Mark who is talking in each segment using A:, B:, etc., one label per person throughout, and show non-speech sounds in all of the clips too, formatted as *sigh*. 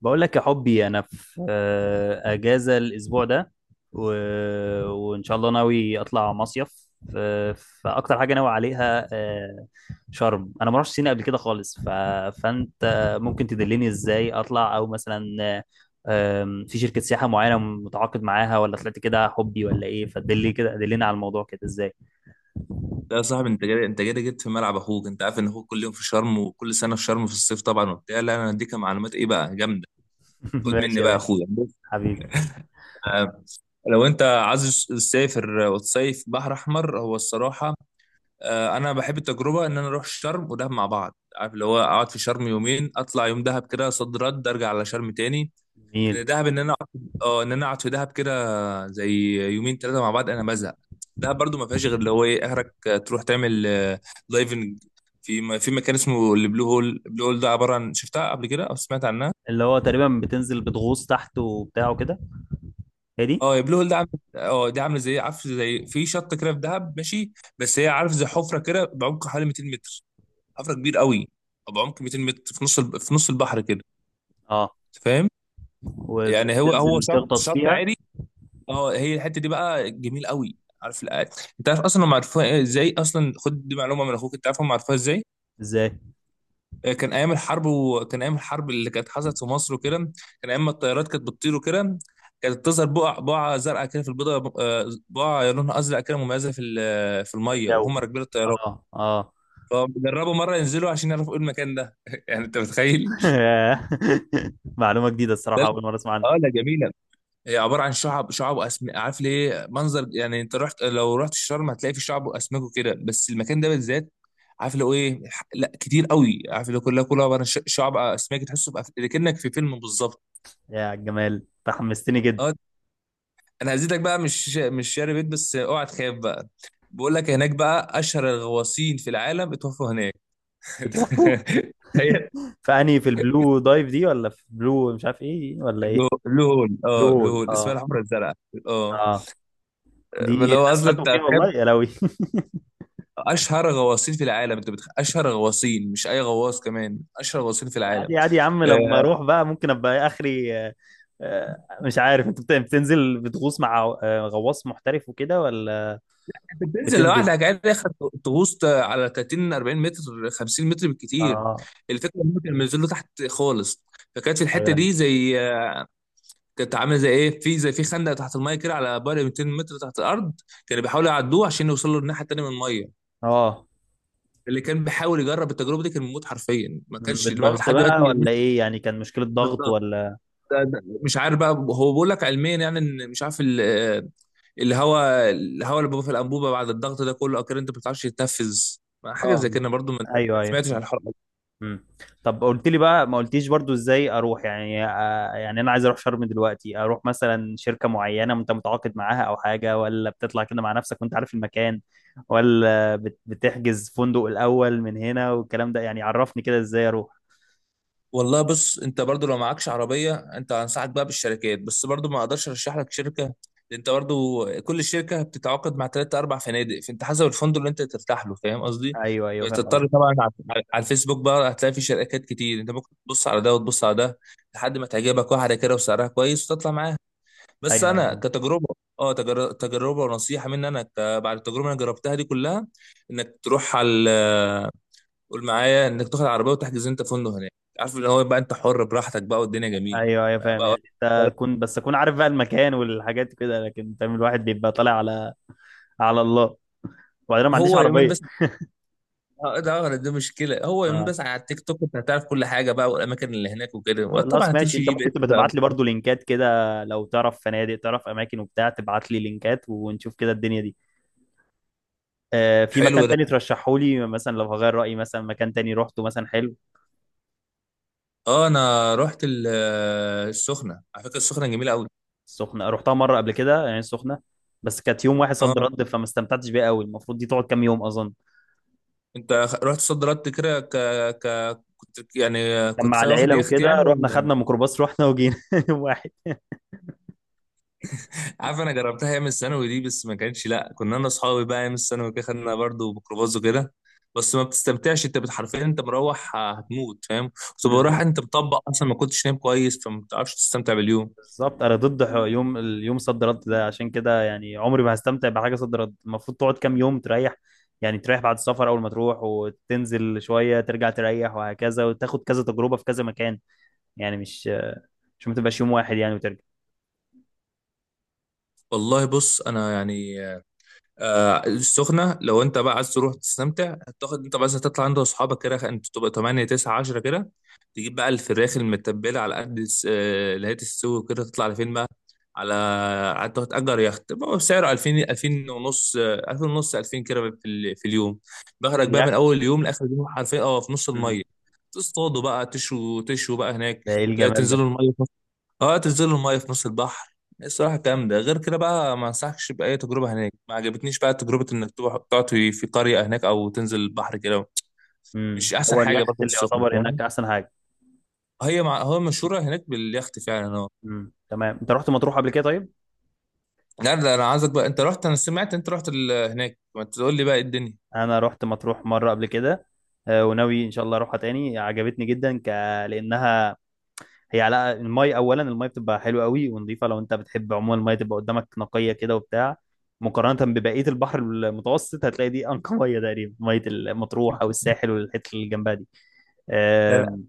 A: بقول لك يا حبي انا في اجازه الاسبوع ده، و... وان شاء الله ناوي اطلع مصيف، فاكتر حاجه ناوي عليها شرم. انا ما رحتش سينا قبل كده خالص، فانت ممكن تدلني ازاي اطلع، او مثلا آه، آم، في شركه سياحه معينه متعاقد معاها، ولا طلعت كده حبي ولا ايه؟ فدلني كده، دلني على الموضوع كده ازاي.
B: لا يا صاحبي، انت جاي انت جاي جيت في ملعب اخوك. انت عارف ان اخوك كل يوم في شرم وكل سنه في شرم في الصيف طبعا وبتاع. لا، انا هديك معلومات ايه بقى جامده.
A: *laughs*
B: خد مني
A: ماشي يا
B: بقى يا
A: باشا.
B: اخويا، بص،
A: حبيبي.
B: آه، لو انت عايز تسافر وتصيف بحر احمر، هو الصراحه انا بحب التجربه ان انا اروح شرم ودهب مع بعض. عارف اللي هو اقعد في شرم يومين، اطلع يوم دهب كده صد رد، ارجع على شرم تاني. لان
A: جميل.
B: دهب، ان انا اقعد في دهب كده زي يومين ثلاثه مع بعض انا بزهق. ده برضو ما فيهاش غير اللي هو ايه، اخرك تروح تعمل دايفنج في مكان اسمه البلو هول ده عباره عن، شفتها قبل كده او سمعت عنها؟
A: اللي هو تقريبا بتنزل بتغوص تحت وبتاع وكده، هي دي؟
B: اه، البلو هول ده عامل اه دي عامله زي، عارف، زي في شط كده في دهب، ماشي. بس هي، عارف، زي حفره كده بعمق حوالي 200 متر. حفره كبير قوي، بعمق 200 متر في نص البحر كده.
A: اه.
B: أنت فاهم يعني؟ هو
A: وبتنزل
B: شط
A: تغطس
B: شط
A: فيها.
B: عادي. اه، هي الحته دي بقى جميل قوي، عارف الآية. انت عارف اصلا هم عرفوها ازاي؟ اصلا خد دي معلومه من اخوك. انت عارف هم عرفوها ازاي؟
A: ازاي؟
B: كان ايام الحرب، وكان ايام الحرب اللي كانت حصلت في مصر وكده. كان ايام ما الطيارات كانت بتطير وكده. كانت تظهر بقعه زرقاء كده في البيضه، بقعه لونها ازرق كده مميزه في الميه،
A: الجو.
B: وهم راكبين الطيارات.
A: اه اه.
B: فجربوا مره ينزلوا عشان يعرفوا ايه المكان ده. *laughs* يعني انت متخيل.
A: *laughs* معلومة جديدة الصراحة، أول مرة أسمع عنها.
B: اه لا، جميله. هي عباره عن شعب، شعب واسم، عارف ليه منظر يعني. انت رحت، لو رحت الشرم هتلاقي في شعب واسماك وكده، بس المكان ده بالذات، عارف لو ايه لا كتير قوي، عارف، لو كلها كلها عباره عن شعب اسماك، تحسه كأنك في فيلم بالظبط.
A: يا جمال تحمستني جدا.
B: اه، انا هزيدك بقى، مش شاري بيت بس اوعى تخاف بقى. بقول لك هناك بقى اشهر الغواصين في العالم اتوفوا هناك.
A: بتروحوا
B: *laughs* هي
A: فأنهي؟ في البلو دايف دي، ولا في بلو مش عارف إيه ولا إيه؟
B: بلو هول،
A: بلو
B: اه بلو
A: هول،
B: هول، اسمها
A: اه.
B: الحمرا الزرقاء. اه
A: اه. دي
B: لو
A: ناس
B: اصلا
A: ماتوا
B: انت
A: فيها والله
B: هتخاف،
A: يا لوي.
B: اشهر غواصين في العالم. اشهر غواصين، مش اي غواص، كمان اشهر غواصين في
A: *laughs*
B: العالم.
A: عادي عادي يا عم، لما
B: آه،
A: أروح بقى ممكن أبقى آخري. آه، مش عارف أنت بتنزل بتغوص مع غواص محترف وكده ولا؟
B: انت بتنزل
A: بتنزل.
B: لوحدك عادي يا أخي، تغوص على 30 40 متر، 50 متر بالكتير.
A: اه.
B: الفكره ان هم كانوا بينزلوا تحت خالص، فكانت في
A: أيوه
B: الحته
A: أيوة.
B: دي زي آه، كانت عامله زي ايه، في زي في خندق تحت الميه كده، على بعد 200 متر تحت الارض. كانوا بيحاولوا يعدوه عشان يوصلوا للناحيه التانيه من الميه.
A: اه.
B: اللي كان بيحاول يجرب التجربه دي كان بيموت حرفيا، ما كانش، ما في
A: بالضغط
B: لحد دلوقتي
A: بقى
B: الناس.
A: ولا ايه يعني؟ كان مشكلة ضغط
B: بالظبط.
A: ولا؟
B: مش عارف بقى، هو بيقول لك علميا يعني ان، مش عارف، الهواء اللي بيبقى في الانبوبه بعد الضغط ده كله، اكيد انت ما بتعرفش تتنفذ. حاجه
A: اه.
B: زي كده برضو
A: ايوه
B: ما
A: ايوه.
B: سمعتش عن الحوار ده.
A: مم. طب قلت لي بقى، ما قلتيش برضو ازاي اروح يعني، يعني انا عايز اروح شرم دلوقتي، اروح مثلا شركة معينة انت متعاقد معاها او حاجة، ولا بتطلع كده مع نفسك وانت عارف المكان، ولا بتحجز فندق الاول من هنا والكلام ده يعني؟ عرفني كده ازاي اروح.
B: والله بص، انت برضو لو معكش عربيه، انت انصحك بقى بالشركات، بس برضو ما اقدرش ارشح لك شركه، لأن انت برضو كل شركه بتتعاقد مع ثلاثة اربع فنادق، فانت حسب الفندق اللي انت ترتاح له. فاهم قصدي.
A: ايوه ايوه فاهم
B: بتضطر
A: قصدك.
B: طبعا على الفيسبوك بقى، هتلاقي في شركات كتير، انت ممكن تبص على ده وتبص على ده، لحد ما تعجبك واحده كده وسعرها كويس وتطلع معاها. بس
A: ايوه ايوه
B: انا
A: فاهم.
B: كتجربه، تجربه ونصيحه مني انا، بعد التجربه اللي انا جربتها دي كلها، انك تروح على، قول معايا، انك تاخد عربيه وتحجز انت فندق هناك. عارف اللي هو بقى انت حر براحتك بقى والدنيا جميله
A: ايوه ايوه فاهم،
B: بقى.
A: يعني انت كنت، بس اكون عارف بقى المكان والحاجات كده، لكن فاهم الواحد بيبقى طالع على الله. وبعدين أنا ما عنديش
B: هو يومين
A: عربيه.
B: بس. ده دي مشكله، هو يومين
A: آه.
B: بس. على التيك توك انت هتعرف كل حاجه بقى والاماكن اللي هناك وكده، وطبعا
A: خلاص ماشي،
B: هتمشي
A: انت
B: جي بي
A: ممكن
B: اس
A: تبقى
B: بقى.
A: تبعت لي برضو لينكات كده، لو تعرف فنادق، تعرف اماكن وبتاع، تبعت لي لينكات ونشوف كده الدنيا دي. في
B: حلو
A: مكان
B: ده.
A: تاني ترشحه لي مثلا، لو هغير رايي مثلا، مكان تاني روحته مثلا حلو؟
B: اه انا رحت السخنه. على فكره السخنه جميله قوي.
A: السخنه رحتها مره قبل كده يعني، السخنه بس كانت يوم واحد
B: اه،
A: صد رد، فما استمتعتش بيها قوي. المفروض دي تقعد كام يوم اظن.
B: انت رحت صد رد كده، كنت يعني،
A: كان مع
B: واخد
A: العيله
B: يخت يعني
A: وكده، رحنا
B: ولا؟
A: خدنا ميكروباص رحنا وجينا *laughs* يوم واحد.
B: عارف، انا جربتها ايام الثانوي دي، بس ما كانش، لا، كنا انا اصحابي بقى ايام الثانوي كده، خدنا برضه ميكروباص وكده. بس ما بتستمتعش انت حرفيا، انت مروح هتموت، فاهم؟ كنت بروح
A: بالظبط.
B: انت مطبق اصلا، ما كنتش نايم كويس، فما بتعرفش تستمتع باليوم.
A: بالظبط، انا ضد يوم اليوم صد رد ده، عشان كده يعني عمري ما هستمتع بحاجه صد رد. المفروض تقعد كام يوم تريح، يعني تريح بعد السفر، اول ما تروح وتنزل شويه ترجع تريح، وهكذا، وتاخد كذا تجربه في كذا مكان، يعني مش ما تبقاش يوم واحد يعني وترجع.
B: والله بص انا يعني، السخنة لو انت بقى عايز تروح تستمتع، تاخد انت بس تطلع عند اصحابك كده، انت تبقى 8 9 10 كده، تجيب بقى الفراخ المتبلة على قد اللي هي تستوي كده، تطلع لفين بقى على قعدت تأجر يخت بقى بسعر 2000، 2000 ونص، 2000 ونص، 2000 كده في اليوم. بخرج بقى من
A: اليخت.
B: اول يوم لاخر يوم حرفيا، اه في نص
A: مم.
B: المية، تصطادوا بقى، تشوا تشوا بقى هناك،
A: ده ايه الجمال ده.
B: تنزلوا المية. اه تنزل المايه في نص البحر. الصراحه الكلام ده غير كده بقى ما انصحكش باي تجربه هناك، ما عجبتنيش بقى تجربه انك تروح تقعد في قريه هناك او تنزل البحر كده. مش احسن
A: هو
B: حاجه،
A: اليخت
B: برضه
A: اللي
B: السخن،
A: يعتبر
B: فاهم.
A: هناك احسن حاجه؟
B: هو مشهوره هناك باليخت فعلا، اه.
A: تمام. انت رحت مطروح قبل كده طيب؟
B: لا لا، انا عايزك بقى، انت رحت، انا سمعت انت رحت هناك، ما تقول لي بقى إيه الدنيا.
A: انا رحت مطروح مره قبل كده، وناوي ان شاء الله اروحها تاني، عجبتني جدا، لانها هي على المي اولا. المي بتبقى حلوه قوي ونظيفه، لو انت بتحب عموما المي تبقى قدامك نقيه كده وبتاع. مقارنه ببقيه البحر المتوسط هتلاقي دي انقى ميه تقريبا، ميه المطروح او الساحل والحته اللي جنبها دي.
B: لا لا،
A: آم،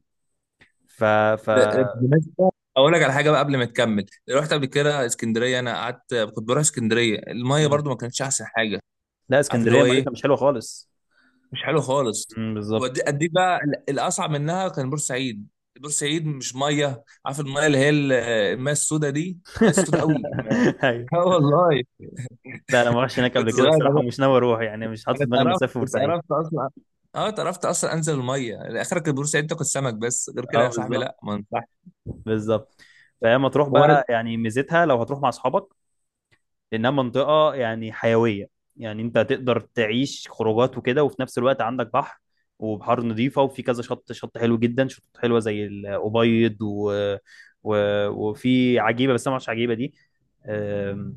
A: ف ف
B: ده بالمناسبة، اقول لك على حاجه بقى قبل ما تكمل. رحت قبل كده اسكندريه، انا قعدت، كنت بروح اسكندريه، المايه
A: مم.
B: برضو ما كانتش احسن حاجه.
A: لا،
B: عارف اللي
A: اسكندريه
B: هو ايه،
A: ميتها مش حلوه خالص.
B: مش حلو خالص.
A: بالظبط.
B: ودي اديك بقى الاصعب منها كان بورسعيد. بورسعيد مش ميه، عارف الميه اللي هي الميه السوداء دي، ميه السوداء
A: *laughs*
B: قوي
A: ايوه.
B: *laughs* اه والله.
A: لا انا ما رحتش هناك
B: كنت
A: قبل كده
B: صغير
A: الصراحه،
B: انا،
A: ومش ناوي اروح يعني، مش حاطط
B: أنا
A: في دماغي اني
B: اتقرفت
A: اصيف في بورسعيد.
B: اتقرفت اصلا. اه اتقرفت اصلا انزل الميه، يعني اخرك بورسعيد تاكل سمك بس، غير كده
A: اه
B: يا صاحبي
A: بالظبط.
B: لا، ما ينفعش.
A: بالظبط. فهي مطروح
B: ورد.
A: بقى يعني ميزتها لو هتروح مع اصحابك، لانها منطقه يعني حيويه. يعني انت هتقدر تعيش خروجات وكده، وفي نفس الوقت عندك بحر، وبحار نظيفه، وفي كذا شط حلو جدا، شطوط حلوه زي الابيض و... وفي عجيبه، بس انا ما اعرفش عجيبه دي. أم،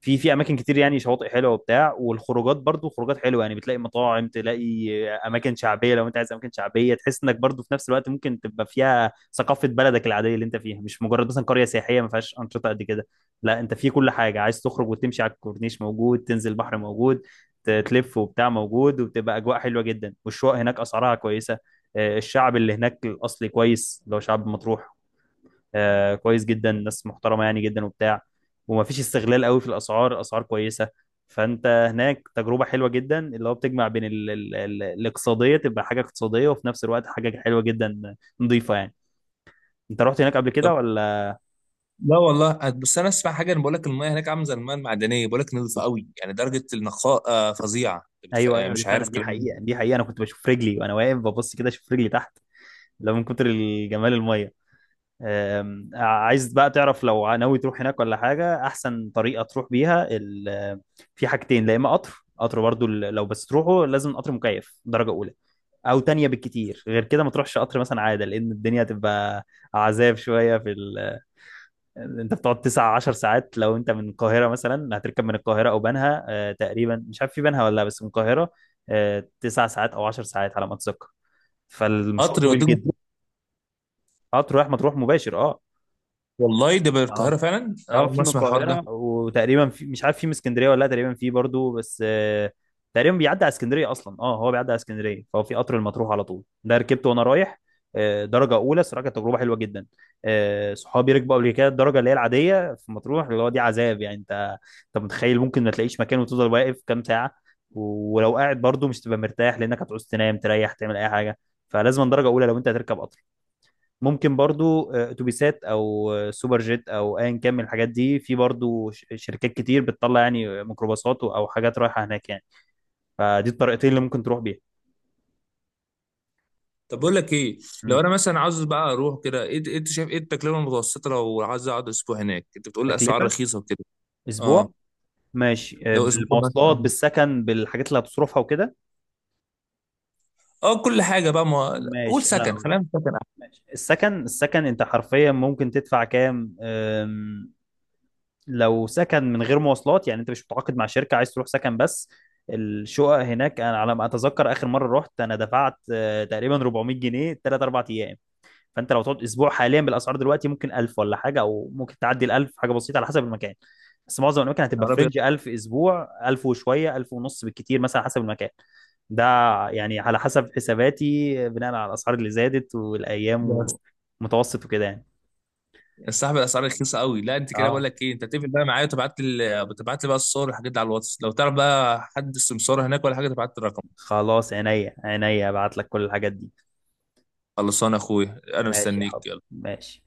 A: في اماكن كتير يعني، شواطئ حلوه وبتاع، والخروجات برضو خروجات حلوه، يعني بتلاقي مطاعم، تلاقي اماكن شعبيه، لو انت عايز اماكن شعبيه تحس انك برضو في نفس الوقت ممكن تبقى فيها ثقافه بلدك العاديه اللي انت فيها، مش مجرد مثلا قريه سياحيه ما فيهاش انشطه قد كده. لا انت في كل حاجه، عايز تخرج وتمشي على الكورنيش موجود، تنزل بحر موجود، تلف وبتاع موجود، وبتبقى اجواء حلوه جدا، والشقق هناك اسعارها كويسه. الشعب اللي هناك الاصلي كويس، اللي هو شعب مطروح، كويس جدا، ناس محترمه يعني جدا وبتاع، وما فيش استغلال قوي في الاسعار، الاسعار كويسه. فانت هناك تجربه حلوه جدا، اللي هو بتجمع بين ال الاقتصاديه، تبقى حاجه اقتصاديه، وفي نفس الوقت حاجه حلوه جدا، نظيفه يعني. انت رحت هناك قبل
B: طب
A: كده ولا؟
B: لا والله، بس انا اسمع حاجه، انا بقول لك الميه هناك عامله زي الميه المعدنيه، بقول لك نظيفه قوي، يعني درجه النقاء فظيعه. أنت بتخ-
A: ايوه
B: آه،
A: ايوه، دي
B: مش
A: فعلا
B: عارف
A: دي
B: كلام.
A: حقيقه، دي حقيقه، انا كنت بشوف رجلي وانا واقف ببص كده، اشوف رجلي تحت لو، من كتر الجمال الميه. عايز بقى تعرف لو ناوي تروح هناك ولا حاجه، احسن طريقه تروح بيها، في حاجتين. لا، اما قطر برضو، لو بس تروحه لازم قطر مكيف درجه اولى، او تانية بالكتير، غير كده ما تروحش قطر مثلا عاده، لان الدنيا هتبقى عذاب شويه في انت بتقعد تسع عشر ساعات، لو انت من القاهره مثلا هتركب من القاهره او بنها، تقريبا مش عارف في بنها ولا لا، بس من القاهره 9 ساعات او 10 ساعات على ما اتذكر، فالمشوار
B: قطر
A: طويل
B: يوديك
A: جدا.
B: مطروح.
A: اه. تروح ما تروح مباشر. اه.
B: والله ده بالقاهره
A: اه.
B: فعلا، انا
A: اه،
B: اول مره
A: في من
B: اسمع الحوار ده.
A: القاهرة، وتقريبا في، مش عارف في من اسكندرية ولا لا، تقريبا في برضو بس تقريبا بيعدي على اسكندرية أصلا. اه هو بيعدي على اسكندرية، فهو في قطر المطروح على طول. ده ركبته وأنا رايح، درجة أولى صراحة، كانت تجربة حلوة جدا. صحابي ركبوا قبل كده الدرجة اللي هي العادية في مطروح، اللي هو دي عذاب يعني. أنت متخيل، ممكن ما تلاقيش مكان وتفضل واقف كام ساعة، ولو قاعد برضو مش تبقى مرتاح لأنك هتعوز تنام، تريح، تعمل أي حاجة، فلازم درجة أولى لو أنت هتركب قطر. ممكن برضو اتوبيسات او سوبر جيت او ايا كان من الحاجات دي، في برضو شركات كتير بتطلع، يعني ميكروباصات او حاجات رايحه هناك يعني، فدي الطريقتين اللي ممكن تروح بيها.
B: طب بقول لك ايه، لو
A: مم.
B: انا مثلا عاوز بقى اروح كده، ايه إيه انت شايف ايه التكلفه المتوسطه لو عايز اقعد اسبوع هناك؟ انت بتقول لي اسعار
A: تكلفه.
B: رخيصه وكده. اه
A: اسبوع؟ ماشي،
B: لو اسبوع
A: بالمواصلات
B: مثلا،
A: بالسكن بالحاجات اللي هتصرفها وكده.
B: اه كل حاجه بقى، ما قول
A: ماشي انا.
B: سكن، خلينا في سكن احسن.
A: ماشي السكن، السكن انت حرفيا ممكن تدفع كام، لو سكن من غير مواصلات يعني، انت مش متعاقد مع شركة عايز تروح سكن بس. الشقق هناك، انا على ما اتذكر اخر مرة رحت انا دفعت تقريبا 400 جنيه، 3 4 ايام. فانت لو تقعد اسبوع حاليا بالاسعار دلوقتي ممكن 1000 ولا حاجة، او ممكن تعدي ال 1000 حاجة بسيطة على حسب المكان. بس معظم الاماكن
B: يا
A: هتبقى
B: نهار ابيض،
A: فرنج 1000 اسبوع، 1000 وشوية، 1000 ونص بالكتير مثلا حسب المكان. ده يعني على حسب حساباتي، بناء على الاسعار اللي زادت والايام ومتوسط وكده يعني.
B: يا صاحبي الاسعار رخيصه قوي. لا انت كده بقول
A: اه.
B: لك ايه، انت تقفل بقى معايا وتبعت لي، تبعت لي بقى الصور والحاجات دي على الواتس، لو تعرف بقى حد سمسار هناك ولا حاجه تبعت لي الرقم.
A: خلاص عينيا عينيا، ابعت لك كل الحاجات دي.
B: خلصان يا اخويا، انا
A: ماشي يا حب.
B: مستنيك.
A: ماشي.